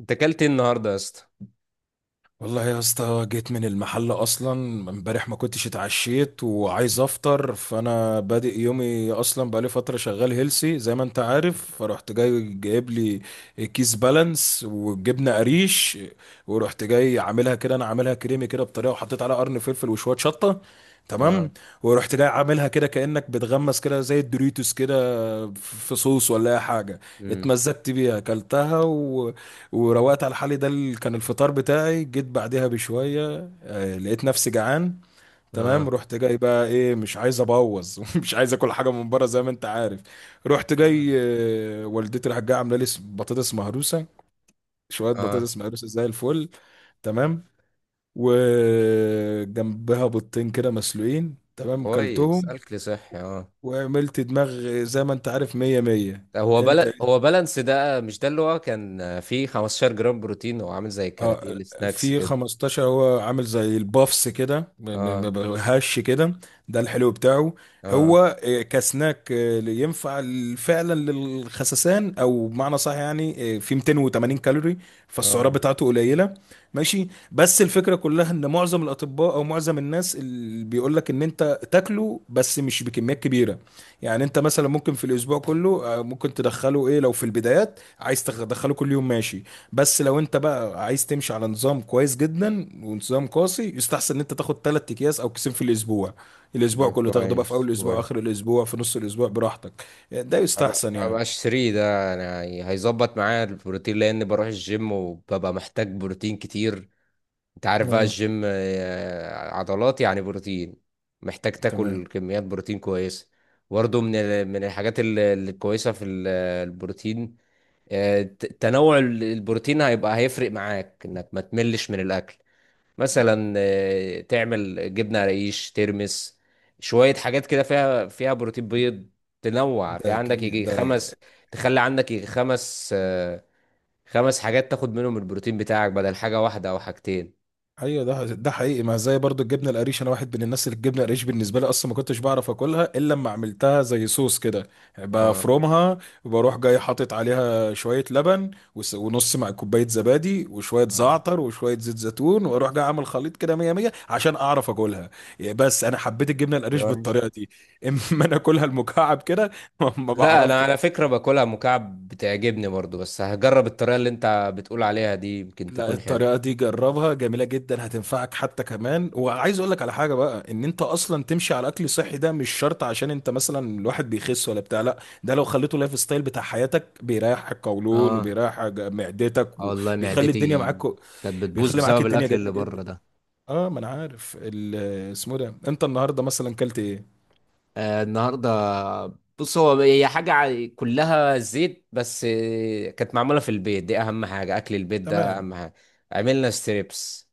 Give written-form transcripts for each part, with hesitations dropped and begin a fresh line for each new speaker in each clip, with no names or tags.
انت اكلت ايه النهارده يا اسطى؟
والله يا اسطى جيت من المحل اصلا. امبارح ما كنتش اتعشيت وعايز افطر، فانا بادئ يومي اصلا. بقالي فتره شغال هيلسي زي ما انت عارف، فرحت جاي جايب لي كيس بالانس وجبنه قريش. ورحت جاي عاملها كده، انا عاملها كريمي كده بطريقه، وحطيت عليها قرن فلفل وشويه شطه.
اه.
تمام. ورحت جاي عاملها كده كانك بتغمس كده زي الدوريتوس كده في صوص ولا اي حاجه.
امم.
اتمزجت بيها، اكلتها وروقت على حالي. ده اللي كان الفطار بتاعي. جيت بعدها بشوية، لقيت نفسي جعان. تمام،
اه.
رحت جاي بقى ايه، مش عايز ابوظ. مش عايز اكل حاجه من بره زي ما انت عارف. رحت جاي،
نعم.
والدتي راحت جايه عامله لي بطاطس مهروسه، شويه
اه،
بطاطس مهروسه زي الفل. تمام، وجنبها بيضتين كده مسلوقين. تمام،
كويس،
كلتهم
اكل صحي، اه.
وعملت دماغ زي ما انت عارف، مية مية.
هو
انت.
بل... هو بالانس ده، مش ده اللي هو كان فيه 15 جرام بروتين؟ هو عامل زي الكاراتيه
اه.
السناكس
في
كده.
15، هو عامل زي البافس كده،
اه،
هش كده. ده الحلو بتاعه.
اه،
هو كسناك، ينفع فعلا للخسسان او بمعنى صح، يعني في 280 كالوري، فالسعرات
اه.
بتاعته قليله. ماشي، بس الفكره كلها ان معظم الاطباء او معظم الناس اللي بيقول لك ان انت تاكله بس مش بكميات كبيره. يعني انت مثلا ممكن في الاسبوع كله، ممكن تدخله ايه، لو في البدايات عايز تدخله كل يوم ماشي. بس لو انت بقى عايز تمشي على نظام كويس جدا ونظام قاسي، يستحسن ان انت تاخد ثلاث اكياس او كيسين في الاسبوع. الاسبوع
آه،
كله تاخده بقى في
كويس
اول الاسبوع،
كويس.
اخر الاسبوع، في نص الاسبوع، براحتك. ده
هبقى
يستحسن يعني.
هبقى اشتريه، ده يعني هيظبط معايا البروتين لان بروح الجيم وببقى محتاج بروتين كتير. انت عارف بقى
اه،
الجيم، عضلات يعني بروتين، محتاج
تمام.
تاكل كميات بروتين كويسه. برضه من الحاجات الكويسه في البروتين، تنوع البروتين هيفرق معاك انك ما تملش من الاكل. مثلا تعمل جبنه رقيش ترمس، شويه حاجات كده فيها بروتين، بيض. تنوع، في
ده
عندك
اكيد
يجي
ده.
خمس، تخلي عندك يجي خمس، خمس حاجات تاخد منهم البروتين بتاعك بدل حاجه واحده او حاجتين.
ايوه، ده حقيقي. ما زي برضو الجبنه القريش، انا واحد من الناس اللي الجبنه القريش بالنسبه لي اصلا ما كنتش بعرف اكلها الا لما عملتها زي صوص كده.
اه.
بفرمها وبروح جاي حاطط عليها شويه لبن ونص مع كوبايه زبادي وشويه
آه.
زعتر وشويه زيت زيتون، واروح جاي عامل خليط كده، مية مية، عشان اعرف اكلها. بس انا حبيت الجبنه القريش
باي.
بالطريقه دي. اما انا اكلها المكعب كده ما
لا، انا
بعرفش.
على فكرة باكلها مكعب بتعجبني برضو، بس هجرب الطريقة اللي انت بتقول عليها دي، يمكن
لا،
تكون
الطريقة
حلوة.
دي جربها، جميلة جدا، هتنفعك حتى. كمان وعايز اقول لك على حاجة بقى، ان انت اصلا تمشي على اكل صحي ده مش شرط عشان انت مثلا الواحد بيخس ولا بتاع. لا، ده لو خليته لايف ستايل بتاع حياتك، بيريح القولون
اه.
وبيريح معدتك
اه والله،
وبيخلي الدنيا
معدتي
معاك.
كانت بتبوظ
بيخلي معاك
بسبب
الدنيا
الاكل
جميلة
اللي بره
جدا.
ده.
اه، ما انا عارف اسمه ده. انت النهاردة مثلا كلت ايه؟
آه، النهارده بص، هي حاجه كلها زيت، بس كانت معموله في البيت، دي اهم حاجه، اكل البيت ده
تمام.
اهم حاجه. عملنا ستريبس.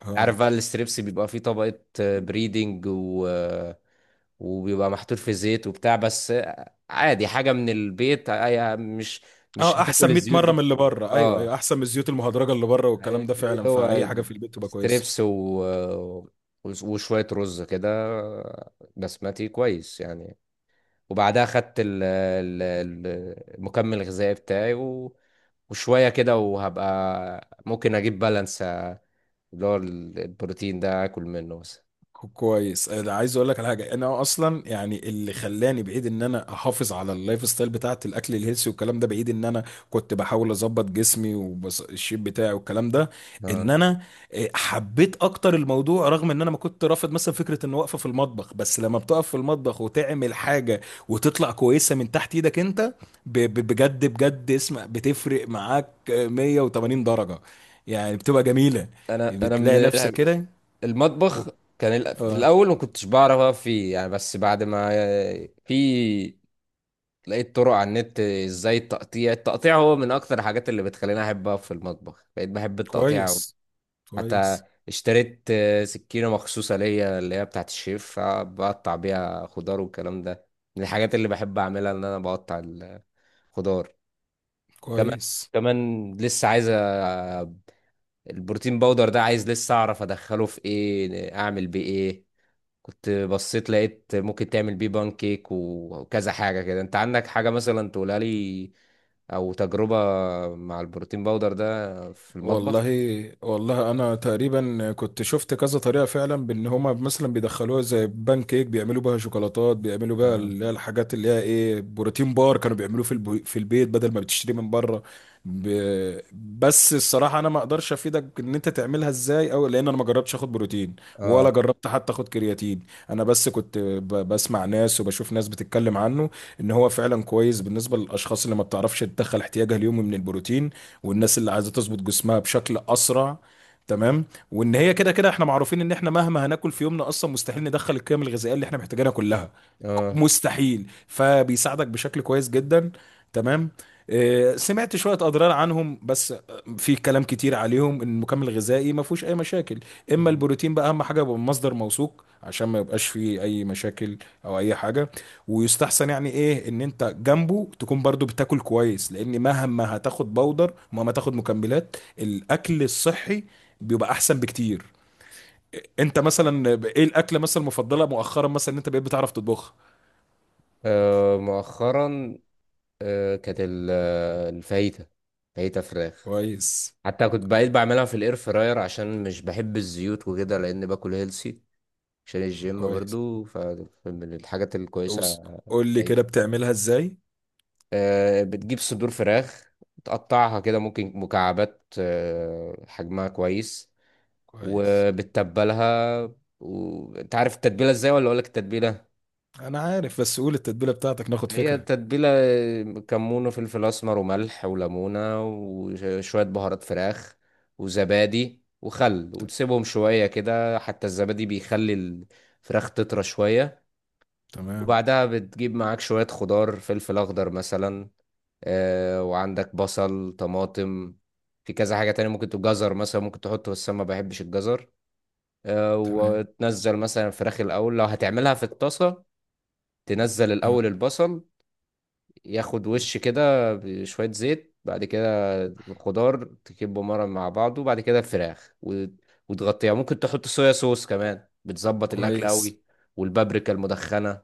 اه.
عارف بقى الستريبس بيبقى فيه طبقة بريدنج و... وبيبقى محطوط في زيت وبتاع بس، عادي، حاجة من البيت، مش
اه،
هتاكل
احسن 100
الزيوت
مرة
دي
من اللي
كتير،
بره. ايوه
اه.
ايوه، احسن من الزيوت المهدرجة اللي بره والكلام ده فعلا، فاي
هو
حاجة في البيت تبقى كويسة.
ستريبس و... وشوية رز كده بسمتي، كويس يعني. وبعدها خدت المكمل الغذائي بتاعي و... وشوية كده، وهبقى ممكن أجيب بالانس اللي هو البروتين ده، اكل منه بس.
كويس. انا عايز اقول لك على حاجه، انا اصلا يعني اللي خلاني بعيد ان انا احافظ على اللايف ستايل بتاعت الاكل الهيلثي والكلام ده، بعيد ان انا كنت بحاول اظبط جسمي والشيب بتاعي والكلام ده،
اه.
ان انا حبيت اكتر الموضوع. رغم ان انا ما كنت رافض مثلا فكره ان واقفه في المطبخ، بس لما بتقف في المطبخ وتعمل حاجه وتطلع كويسه من تحت ايدك انت، بجد بجد اسم بتفرق معاك، 180 درجه، يعني بتبقى جميله،
انا من
بتلاقي نفسك كده.
المطبخ، في الاول ما كنتش بعرف اقف فيه يعني، بس بعد ما في لقيت طرق على النت ازاي التقطيع. التقطيع هو من اكتر الحاجات اللي بتخليني احب اقف في المطبخ. بقيت بحب التقطيع أوي.
كويس.
حتى
كويس.
اشتريت سكينة مخصوصة ليا، اللي هي بتاعت الشيف، بقطع بيها خضار والكلام ده، من الحاجات اللي بحب اعملها ان انا بقطع الخضار كمان.
كويس.
كمان لسه عايز البروتين باودر ده، عايز لسه اعرف ادخله في ايه، اعمل بيه ايه. كنت بصيت لقيت ممكن تعمل بيه بان كيك و- وكذا حاجة كده. انت عندك حاجة مثلا تقولها لي، او تجربة مع البروتين باودر ده في
والله
المطبخ؟
والله، انا تقريبا كنت شفت كذا طريقه فعلا بان هما مثلا بيدخلوها زي بان كيك، بيعملوا بها شوكولاتات، بيعملوا بها
اه،
اللي هي الحاجات اللي هي ايه، بروتين بار، كانوا بيعملوه في في البيت بدل ما بتشتري من بره. ب... بس الصراحه انا ما اقدرش افيدك ان انت تعملها ازاي او، لان انا ما جربتش اخد بروتين
اه،
ولا جربت حتى اخد كرياتين. انا بس كنت بسمع ناس وبشوف ناس بتتكلم عنه، ان هو فعلا كويس بالنسبه للاشخاص اللي ما بتعرفش تدخل احتياجها اليومي من البروتين، والناس اللي عايزه تظبط جسمها بشكل اسرع. تمام. وان هي كده كده احنا معروفين ان احنا مهما هناكل في يومنا اصلا مستحيل ندخل القيم الغذائيه اللي احنا محتاجينها كلها،
اه.
مستحيل، فبيساعدك بشكل كويس جدا. تمام. سمعت شوية أضرار عنهم بس في كلام كتير عليهم إن المكمل الغذائي ما فيهوش أي مشاكل. إما
مم.
البروتين بقى أهم حاجة يبقى من مصدر موثوق عشان ما يبقاش فيه أي مشاكل أو أي حاجة. ويستحسن يعني ايه ان انت جنبه تكون برضو بتاكل كويس، لان مهما هتاخد بودر ومهما تاخد مكملات، الاكل الصحي بيبقى احسن بكتير. انت مثلا ايه الاكله مثلا المفضله مؤخرا مثلا ان انت بقيت بتعرف تطبخها؟
مؤخرا، كانت الفاهيتا، فاهيتا فراخ.
كويس.
حتى كنت بقيت بعملها في الاير فراير عشان مش بحب الزيوت وكده، لان باكل هيلسي عشان الجيم
كويس.
برضو، فمن الحاجات الكويسة.
أوس- قول لي كده
أيضا
بتعملها ازاي.
بتجيب صدور فراخ تقطعها كده، ممكن مكعبات، حجمها كويس،
كويس.
وبتتبلها. وانت عارف التتبيلة ازاي ولا اقولك التتبيلة؟
انا عارف، بس قول التتبيله بتاعتك ناخد
هي
فكره.
تتبيلة كمون وفلفل اسمر وملح وليمونة وشوية بهارات فراخ وزبادي وخل،
ت-
وتسيبهم شوية كده، حتى الزبادي بيخلي الفراخ تطرى شوية.
تمام.
وبعدها بتجيب معاك شوية خضار، فلفل أخضر مثلا، وعندك بصل، طماطم، في كذا حاجة تانية ممكن تبقى جزر مثلا ممكن تحطه، بس أنا ما بحبش الجزر.
تمام.
وتنزل مثلا الفراخ الأول لو هتعملها في الطاسة. تنزل
آه.
الأول البصل، ياخد وش كده بشوية زيت، بعد كده الخضار تكبه مرة مع بعضه، وبعد كده الفراخ وتغطيها. ممكن تحط صويا صوص كمان، بتظبط الأكل
كويس.
أوي، والبابريكا المدخنة.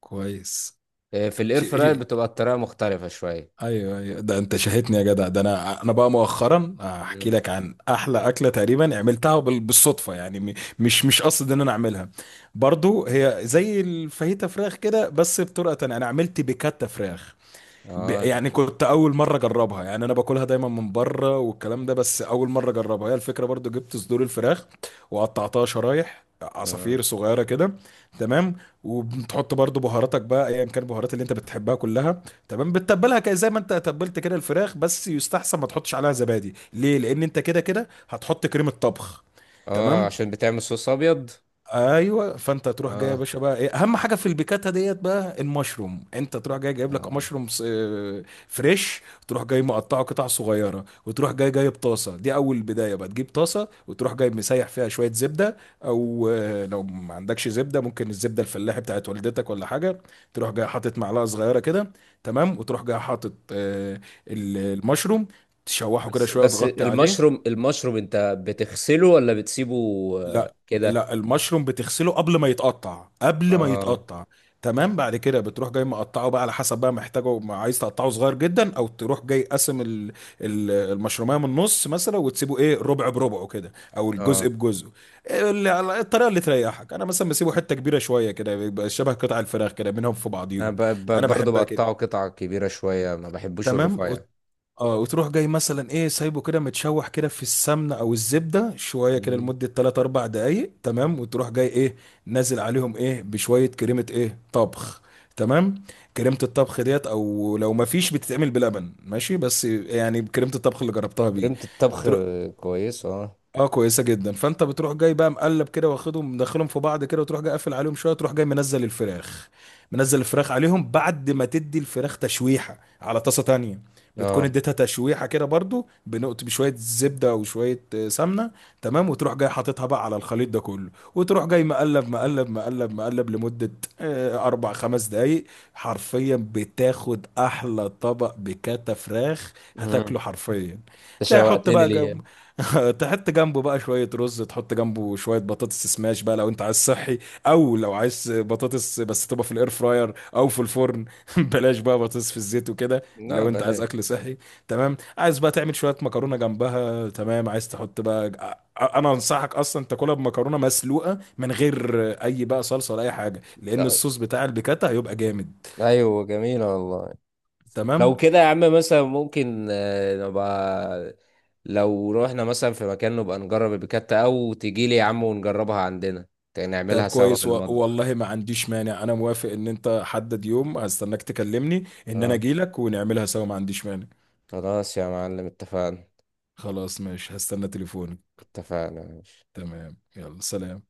كويس.
إيه، في الاير فراير بتبقى الطريقه مختلفه شويه.
ايوه ايوه، ده انت شاهدني يا جدع. ده انا بقى مؤخرا احكي
مم.
لك عن احلى اكله تقريبا عملتها بالصدفه يعني، مش قصد ان انا اعملها. برضو هي زي الفاهيتا فراخ كده بس بطرقه تانية، انا عملت بيكاتا فراخ.
اه،
يعني كنت اول مره اجربها، يعني انا باكلها دايما من بره والكلام ده، بس اول مره اجربها. هي الفكره برضو، جبت صدور الفراخ وقطعتها شرايح
اه.
عصافير صغيره كده. تمام. وبتحط برضو بهاراتك بقى، ايا كان البهارات اللي انت بتحبها كلها. تمام، بتتبلها كده زي ما انت تبلت كده الفراخ، بس يستحسن ما تحطش عليها زبادي، ليه؟ لان انت كده كده هتحط كريمه طبخ. تمام.
عشان بتعمل صوص ابيض.
ايوه، فانت تروح جاي يا
اه،
باشا بقى، ايه اهم حاجه في البيكاتا ديت بقى؟ المشروم. انت تروح جاي جايب لك
اه.
مشروم فريش، تروح جاي مقطعه قطع صغيره. وتروح جاي جايب طاسه، دي اول بدايه بقى، تجيب طاسه وتروح جاي مسيح فيها شويه زبده، او لو ما عندكش زبده ممكن الزبده الفلاحي بتاعت والدتك ولا حاجه. تروح جاي حاطط معلقه صغيره كده. تمام. وتروح جاي حاطط المشروم، تشوحه كده
بس
شويه
بس
وتغطي عليه.
المشروم انت بتغسله ولا بتسيبه؟ آه،
لا
كده.
لا المشروم بتغسله قبل ما يتقطع، قبل ما
اه،
يتقطع. تمام. بعد كده بتروح جاي مقطعه بقى على حسب بقى محتاجه، ما عايز تقطعه صغير جدا، او تروح جاي قاسم المشروميه من النص مثلا، وتسيبه ايه، ربع بربعه كده او
اه.
الجزء بجزء. إيه اللي الطريقه اللي تريحك. انا مثلا بسيبه حته كبيره شويه كده، بيبقى شبه قطع الفراخ كده منهم في
انا
بعضيهم. انا
برضه
بحبها
بقطعه
كده.
قطع كبيره شويه، ما بحبوش
تمام.
الرفيع.
اه، وتروح جاي مثلا ايه، سايبه كده متشوح كده في السمنه او الزبده شويه كده
مم.
لمده 3 4 دقائق. تمام، وتروح جاي ايه، نازل عليهم ايه بشويه كريمه ايه طبخ. تمام. كريمه الطبخ ديت، او لو ما فيش بتتعمل بلبن ماشي، بس يعني كريمه الطبخ اللي جربتها بيه.
كريمه الطبخ،
تروح.
كويس، اه.
اه، كويسه جدا. فانت بتروح جاي بقى مقلب كده واخدهم مدخلهم في بعض كده، وتروح جاي قافل عليهم شويه. تروح جاي منزل الفراخ، منزل الفراخ عليهم بعد ما تدي الفراخ تشويحه على طاسه تانية. بتكون
اه.
اديتها تشويحه كده برضو، بنقط بشويه زبده وشويه سمنه. تمام. وتروح جاي حاططها بقى على الخليط ده كله، وتروح جاي مقلب مقلب مقلب مقلب لمده اربع خمس دقايق. حرفيا بتاخد احلى طبق بكاتا فراخ،
مم.
هتاكله حرفيا.
انت
تحط
شوقتني
بقى
ليه؟
تحط جنبه بقى شوية رز، تحط جنبه شوية بطاطس سماش بقى لو انت عايز صحي، او لو عايز بطاطس بس تبقى في الاير فراير او في الفرن. بلاش بقى بطاطس في الزيت وكده
لا
لو انت عايز
بلاش.
اكل صحي. تمام، عايز بقى تعمل شوية مكرونة جنبها. تمام، عايز تحط بقى، انا انصحك اصلا تاكلها بمكرونة مسلوقة من غير اي بقى صلصة ولا اي حاجة، لان
آه،
الصوص بتاع البيكاتا هيبقى جامد.
ايوه، جميله والله.
تمام.
لو كده يا عم، مثلا ممكن نبقى لو رحنا مثلا في مكان نبقى نجرب البيكاتا، او تجيلي يا عم ونجربها عندنا،
طب
نعملها سوا في
كويس
المطبخ.
والله ما عنديش مانع، انا موافق. ان انت حدد يوم هستناك، تكلمني ان انا
اه.
اجيلك ونعملها سوا، ما عنديش مانع.
خلاص يا معلم، اتفقنا.
خلاص ماشي، هستنى تليفونك.
اتفقنا، ماشي.
تمام، يلا سلام.